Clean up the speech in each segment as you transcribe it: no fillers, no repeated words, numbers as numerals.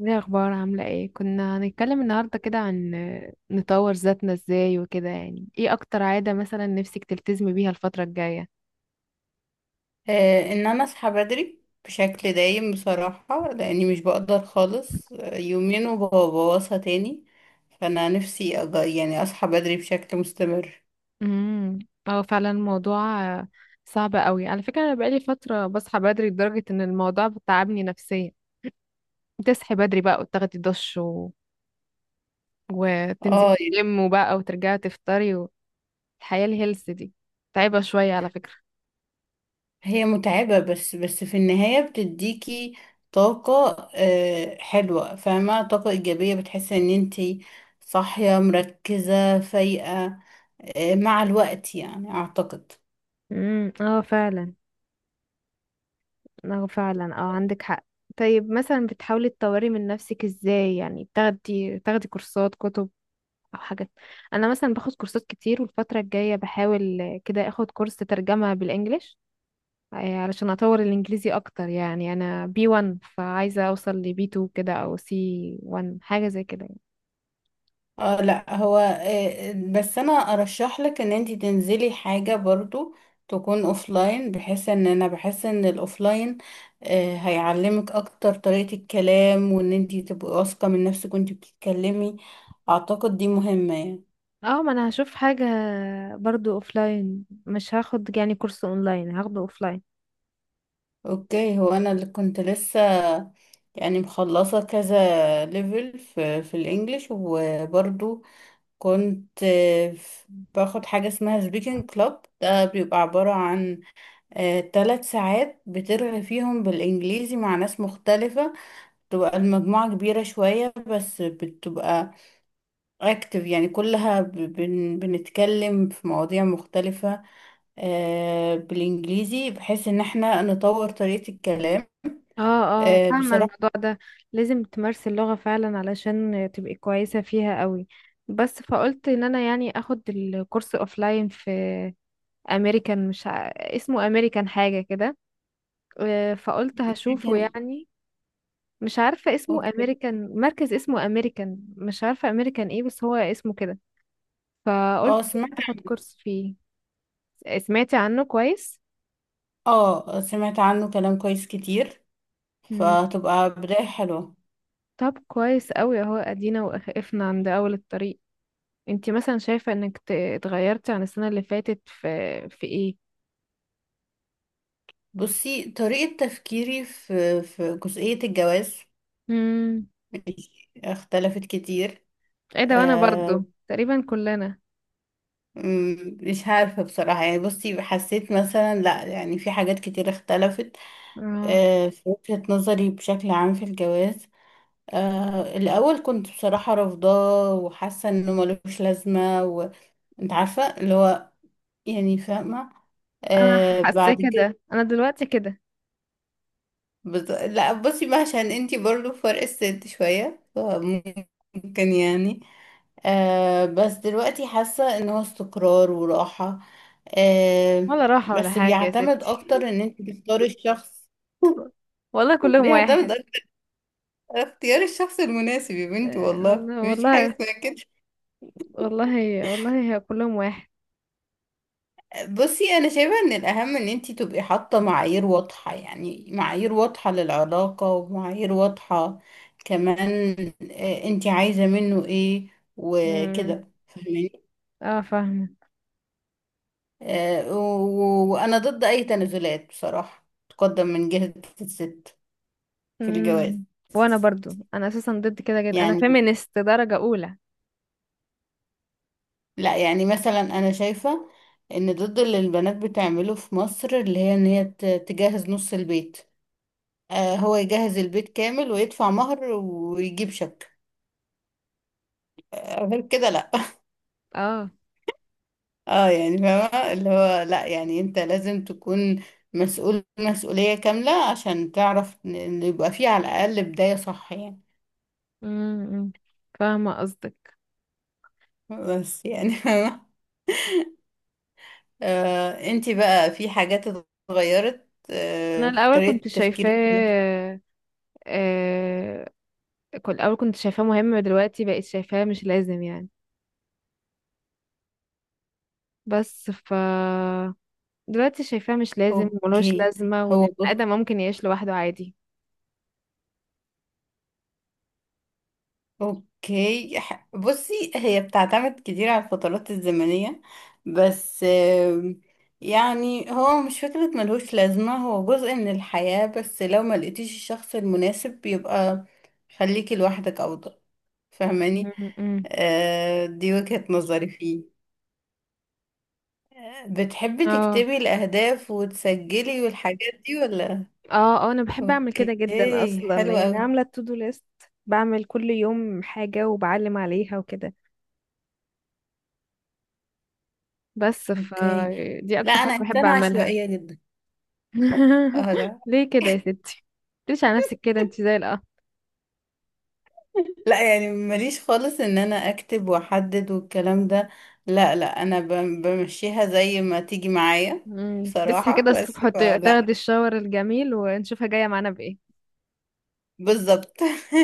ايه الاخبار؟ عامله ايه؟ كنا هنتكلم النهارده كده عن نطور ذاتنا ازاي وكده. يعني ايه اكتر عاده مثلا نفسك تلتزمي بيها الفتره الجايه؟ ان انا اصحى بدري بشكل دايم، بصراحة لاني مش بقدر خالص، يومين وببوظها تاني. فانا نفسي يعني اصحى بدري بشكل مستمر. امم. اه فعلا الموضوع صعب قوي على فكره. انا بقالي فتره بصحى بدري لدرجه ان الموضوع بتعبني نفسيا. تصحي بدري بقى وتاخدي دش وتنزلي اه يعني. الجيم وبقى وترجعي تفطري. والحياه الهيلث دي تعبه شويه على فكره. هي متعبة، بس بس في النهاية بتديكي طاقة، حلوة، فاهمة؟ طاقة ايجابية، بتحسي ان انتي صاحية مركزة فايقة، مع الوقت يعني اعتقد. امم، اه فعلا. اه فعلا، اه عندك حق. طيب مثلا بتحاولي تطوري من نفسك ازاي؟ يعني تاخدي كورسات، كتب او حاجات؟ انا مثلا باخد كورسات كتير، والفترة الجاية بحاول كده اخد كورس ترجمة بالانجليش، علشان اطور الانجليزي اكتر. يعني انا بي 1 فعايزة اوصل ل بي 2 كده او سي 1 حاجة زي كده يعني. اه، لا هو، بس انا ارشح لك ان انت تنزلي حاجة برضو تكون اوفلاين، بحيث ان انا بحس ان الاوفلاين هيعلمك اكتر طريقة الكلام، وان انت تبقي واثقة من نفسك وانت بتتكلمي. اعتقد دي مهمة يعني. اه ما انا هشوف حاجة برضو اوفلاين، مش هاخد يعني كورس اونلاين، هاخده اوفلاين. اوكي. هو انا اللي كنت لسه يعني مخلصة كذا ليفل في الانجليش، وبرضو كنت باخد حاجة اسمها سبيكنج كلاب. ده بيبقى عبارة عن 3 ساعات بترغي فيهم بالإنجليزي مع ناس مختلفة. تبقى المجموعة كبيرة شوية، بس بتبقى اكتف يعني، كلها ب- بن بنتكلم في مواضيع مختلفة بالإنجليزي، بحيث إن احنا نطور طريقة الكلام اه اه فاهمة الموضوع بصراحة. ده. لازم تمارسي اللغة فعلا علشان تبقي كويسة فيها قوي. بس فقلت ان انا يعني اخد الكورس اوفلاين في امريكان، مش ع... اسمه امريكان حاجة كده. فقلت هشوفه كان يعني. مش عارفة اسمه اوكي. امريكان مركز، اسمه امريكان، مش عارفة امريكان ايه بس هو اسمه كده. فقلت اه سمعت. اخد كورس فيه. سمعتي عنه كويس؟ اه سمعت عنه كلام كويس كتير، مم. فتبقى بداية حلوة. طب كويس قوي اهو، ادينا وقفنا عند اول الطريق. انتي مثلا شايفة انك اتغيرتي عن السنة اللي فاتت في ايه؟ بصي، طريقة تفكيري في جزئية الجواز امم. اختلفت كتير. ايه ده، وانا أه. برضو تقريبا كلنا. مش عارفة بصراحة، يعني بصي حسيت مثلا، لا يعني في حاجات كتير اختلفت. اه. أه، في وجهة نظري بشكل عام في الجواز. أه، الأول كنت بصراحة رافضاه وحاسة انه ملوش لازمة، وانت عارفة اللي هو، يعني فاهمة. انا أه، حاسة بعد كده كده، انا دلوقتي كده. لا بصي بقى، عشان انتي برضو فرق السن شوية فممكن يعني. آه، بس دلوقتي حاسة ان هو استقرار وراحة. آه، ولا راحة ولا بس حاجة يا بيعتمد ستي. اكتر ان انت تختاري الشخص. والله كلهم بيعتمد واحد. اكتر على اختيار الشخص المناسب، يا بنتي، والله أنا مفيش حاجة والله، اسمها كده. والله والله هي كلهم واحد. بصي، انا شايفة ان الاهم ان انت تبقي حاطة معايير واضحة، يعني معايير واضحة للعلاقة، ومعايير واضحة كمان، آه، انت عايزة منه ايه امم، وكده. فاهماني؟ اه فاهمة. وأنا ضد أي تنازلات بصراحة تقدم من جهة الست في الجواز. امم. وانا برضو، انا اساسا ضد كده جدا، انا يعني فيمينست درجة اولى. لا، يعني مثلا أنا شايفة إن ضد اللي البنات بتعمله في مصر، اللي هي إن هي تجهز نص البيت، هو يجهز البيت كامل ويدفع مهر ويجيب شبكة، غير كده لا. اه. اه يعني فاهمة اللي هو، لا يعني انت لازم تكون مسؤول مسؤولية كاملة عشان تعرف إن يبقى فيه على الأقل بداية صح يعني. امم، فاهمة قصدك. بس يعني انتي بقى في حاجات اتغيرت انا في الاول طريقة كنت تفكيرك في الناس؟ شايفاه، آه كنت الاول كنت شايفاه مهم، دلوقتي بقيت شايفاه مش لازم يعني. بس ف دلوقتي شايفاه مش لازم وملوش اوكي. لازمه، وان هو البني ادم بص. ممكن يعيش لوحده عادي. اوكي، بصي، هي بتعتمد كتير على الفترات الزمنية، بس يعني هو مش فكرة ملهوش لازمة، هو جزء من الحياة، بس لو ما لقيتيش الشخص المناسب يبقى خليكي لوحدك أفضل. فاهماني؟ مم، مم. دي وجهة نظري فيه. بتحبي اه تكتبي الأهداف وتسجلي والحاجات دي ولا؟ اه اه انا بحب اعمل أوكي، كده جدا اصلا. حلو يعني أوي. عامله التو دو ليست، بعمل كل يوم حاجه وبعلم عليها وكده. بس ف أوكي، دي لا، اكتر حاجه أنا بحب إنسانة اعملها. عشوائية جدا. اه لا. ليه كده يا ستي؟ ليش على نفسك كده، انت زي القمر. لا يعني ماليش خالص إن أنا أكتب وأحدد والكلام ده. لا لا، أنا بمشيها زي ما تيجي معايا مم. تصحي بصراحة، كده الصبح بس فلا. تاخدي الشاور الجميل، ونشوفها جاية معانا بإيه. بالظبط.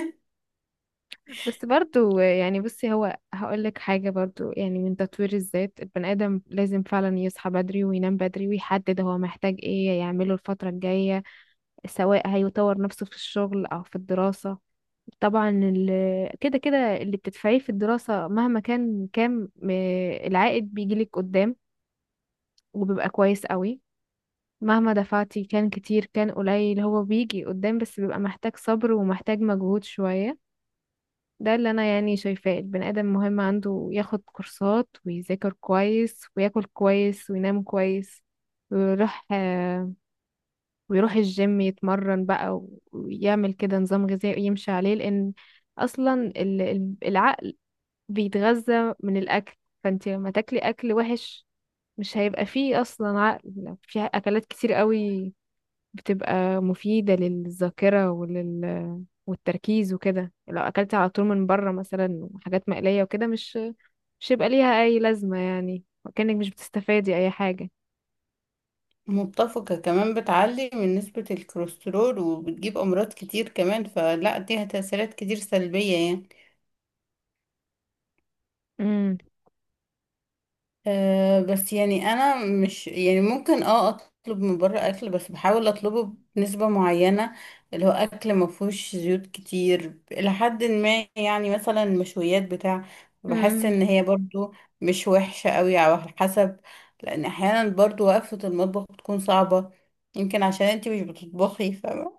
بس برضو يعني بصي، هو هقولك حاجة برضو، يعني من تطوير الذات البني آدم لازم فعلا يصحى بدري وينام بدري، ويحدد هو محتاج إيه يعمله الفترة الجاية، سواء هيطور نفسه في الشغل أو في الدراسة. طبعا كده كده اللي بتدفعيه في الدراسة مهما كان كام، العائد بيجيلك قدام وبيبقى كويس قوي. مهما دفعتي، كان كتير كان قليل، هو بيجي قدام بس بيبقى محتاج صبر ومحتاج مجهود شوية. ده اللي انا يعني شايفاه. البني ادم مهم عنده ياخد كورسات ويذاكر كويس وياكل كويس وينام كويس، ويروح آه، ويروح الجيم يتمرن بقى، ويعمل كده نظام غذائي يمشي عليه. لان اصلا العقل بيتغذى من الاكل. فانت لما تاكلي اكل وحش مش هيبقى فيه اصلا عقل. في اكلات كتير قوي بتبقى مفيدة للذاكرة والتركيز وكده. لو أكلت على طول من بره مثلا حاجات مقلية وكده مش هيبقى ليها أي لازمة، يعني كأنك مش بتستفادي أي حاجة. متفقة. كمان بتعلي من نسبة الكوليسترول وبتجيب أمراض كتير كمان، فلا دي تأثيرات كتير سلبية يعني. امم. أه بس يعني انا مش يعني ممكن اه اطلب من بره اكل، بس بحاول اطلبه بنسبة معينة اللي هو اكل ما فيهوش زيوت كتير الى حد ما، يعني مثلا مشويات بتاع. بحس امم. ان هي برضو مش وحشة قوي، على حسب، لان احيانا برضو وقفة المطبخ بتكون صعبة. يمكن عشان انتي مش بتطبخي، فاهمة.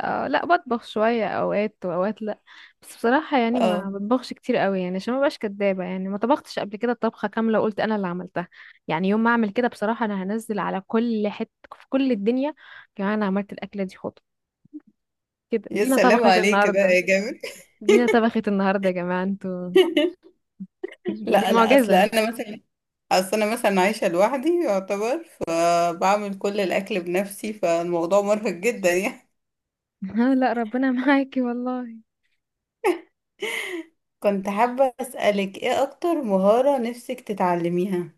آه لا، بطبخ شوية اوقات واوقات لا. بس بصراحة يعني ما اه بطبخش كتير قوي، يعني عشان ما بقاش كدابة، يعني ما طبختش قبل كده طبخة كاملة وقلت انا اللي عملتها. يعني يوم ما اعمل كده بصراحة انا هنزل على كل حتة في كل الدنيا. كمان انا عملت الاكلة دي خطوة كده. يا دينا سلام طبخت عليك كده يا النهاردة، جامد. دينا طبخت النهارده يا جماعه انتوا. دي لا لا، معجزه. اصل انا مثلا عايشه لوحدي يعتبر، فبعمل كل الاكل بنفسي، فالموضوع مرهق جدا يعني. ها لا ربنا معاكي والله. كنت حابه اسالك، ايه اكتر مهاره نفسك تتعلميها؟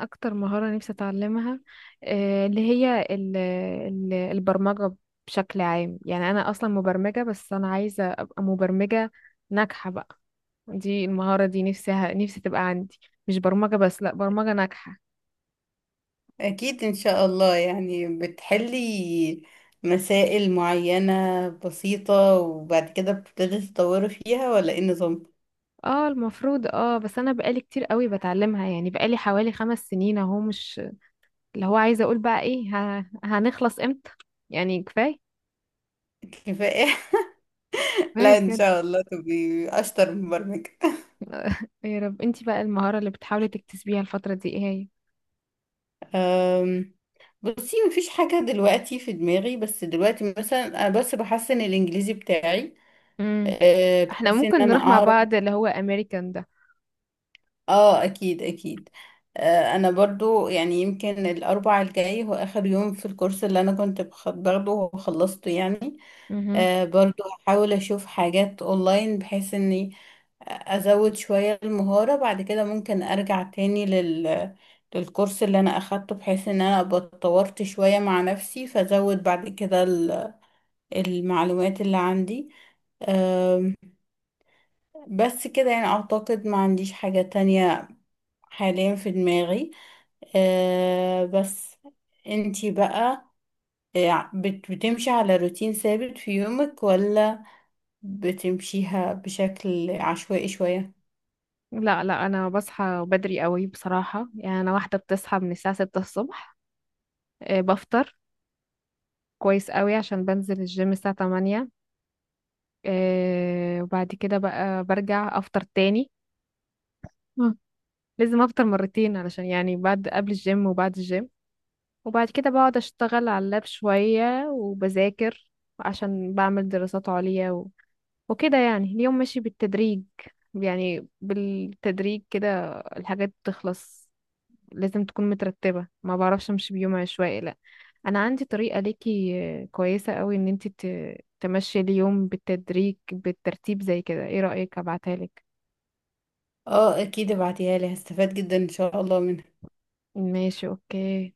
اكتر مهاره نفسي اتعلمها، اللي هي البرمجه بشكل عام. يعني انا اصلا مبرمجه، بس انا عايزه ابقى مبرمجه ناجحه بقى. دي المهاره دي نفسها نفسي تبقى عندي. مش برمجه بس، لا، برمجه ناجحه. اكيد ان شاء الله، يعني بتحلي مسائل معينه بسيطه وبعد كده بتبتدي تطوري فيها، ولا ايه النظام؟ اه المفروض. اه بس انا بقالي كتير قوي بتعلمها، يعني بقالي حوالي 5 سنين اهو. مش اللي هو عايزه اقول بقى ايه، هنخلص امتى يعني؟ كفايه. كفايه. كفاية لا، ان بجد. شاء الله تبقي اشطر مبرمجه. يا رب. انتي بقى المهارة اللي بتحاولي تكتسبيها الفترة دي ايه هي؟ أم، بصي مفيش حاجة دلوقتي في دماغي، بس دلوقتي مثلا أنا بس بحسن الإنجليزي بتاعي، امم. أه، احنا بحيث إن ممكن أنا نروح مع أعرف. بعض، اللي هو امريكان ده. آه، أكيد أكيد. أه، أنا برضو يعني يمكن الأربع الجاي هو آخر يوم في الكورس اللي أنا كنت باخده وخلصته يعني. امم. أه، برضو هحاول أشوف حاجات أونلاين بحيث إني ازود شوية المهارة، بعد كده ممكن ارجع تاني للكورس اللي انا اخدته، بحيث ان انا ابقى اتطورت شوية مع نفسي، فازود بعد كده المعلومات اللي عندي. أه. بس كده يعني اعتقد ما عنديش حاجة تانية حاليا في دماغي. أه بس، انتي بقى، بتمشي على روتين ثابت في يومك، ولا بتمشيها بشكل عشوائي شوية؟ لا لا انا بصحى بدري قوي بصراحة. يعني انا واحدة بتصحى من الساعة 6 الصبح، بفطر كويس قوي عشان بنزل الجيم الساعة 8. وبعد كده بقى برجع افطر تاني. مم. لازم افطر مرتين، علشان يعني بعد، قبل الجيم وبعد الجيم. وبعد كده بقعد اشتغل على اللاب شوية وبذاكر، عشان بعمل دراسات عليا وكده. يعني اليوم ماشي بالتدريج، يعني بالتدريج كده الحاجات بتخلص. لازم تكون مترتبة، ما بعرفش امشي بيوم عشوائي لا. انا عندي طريقة ليكي كويسة قوي ان انت تمشي اليوم بالتدريج بالترتيب زي كده، ايه رأيك ابعتها لك؟ اه اكيد ابعتيها لي، هستفاد جدا ان شاء الله منها. ماشي اوكي.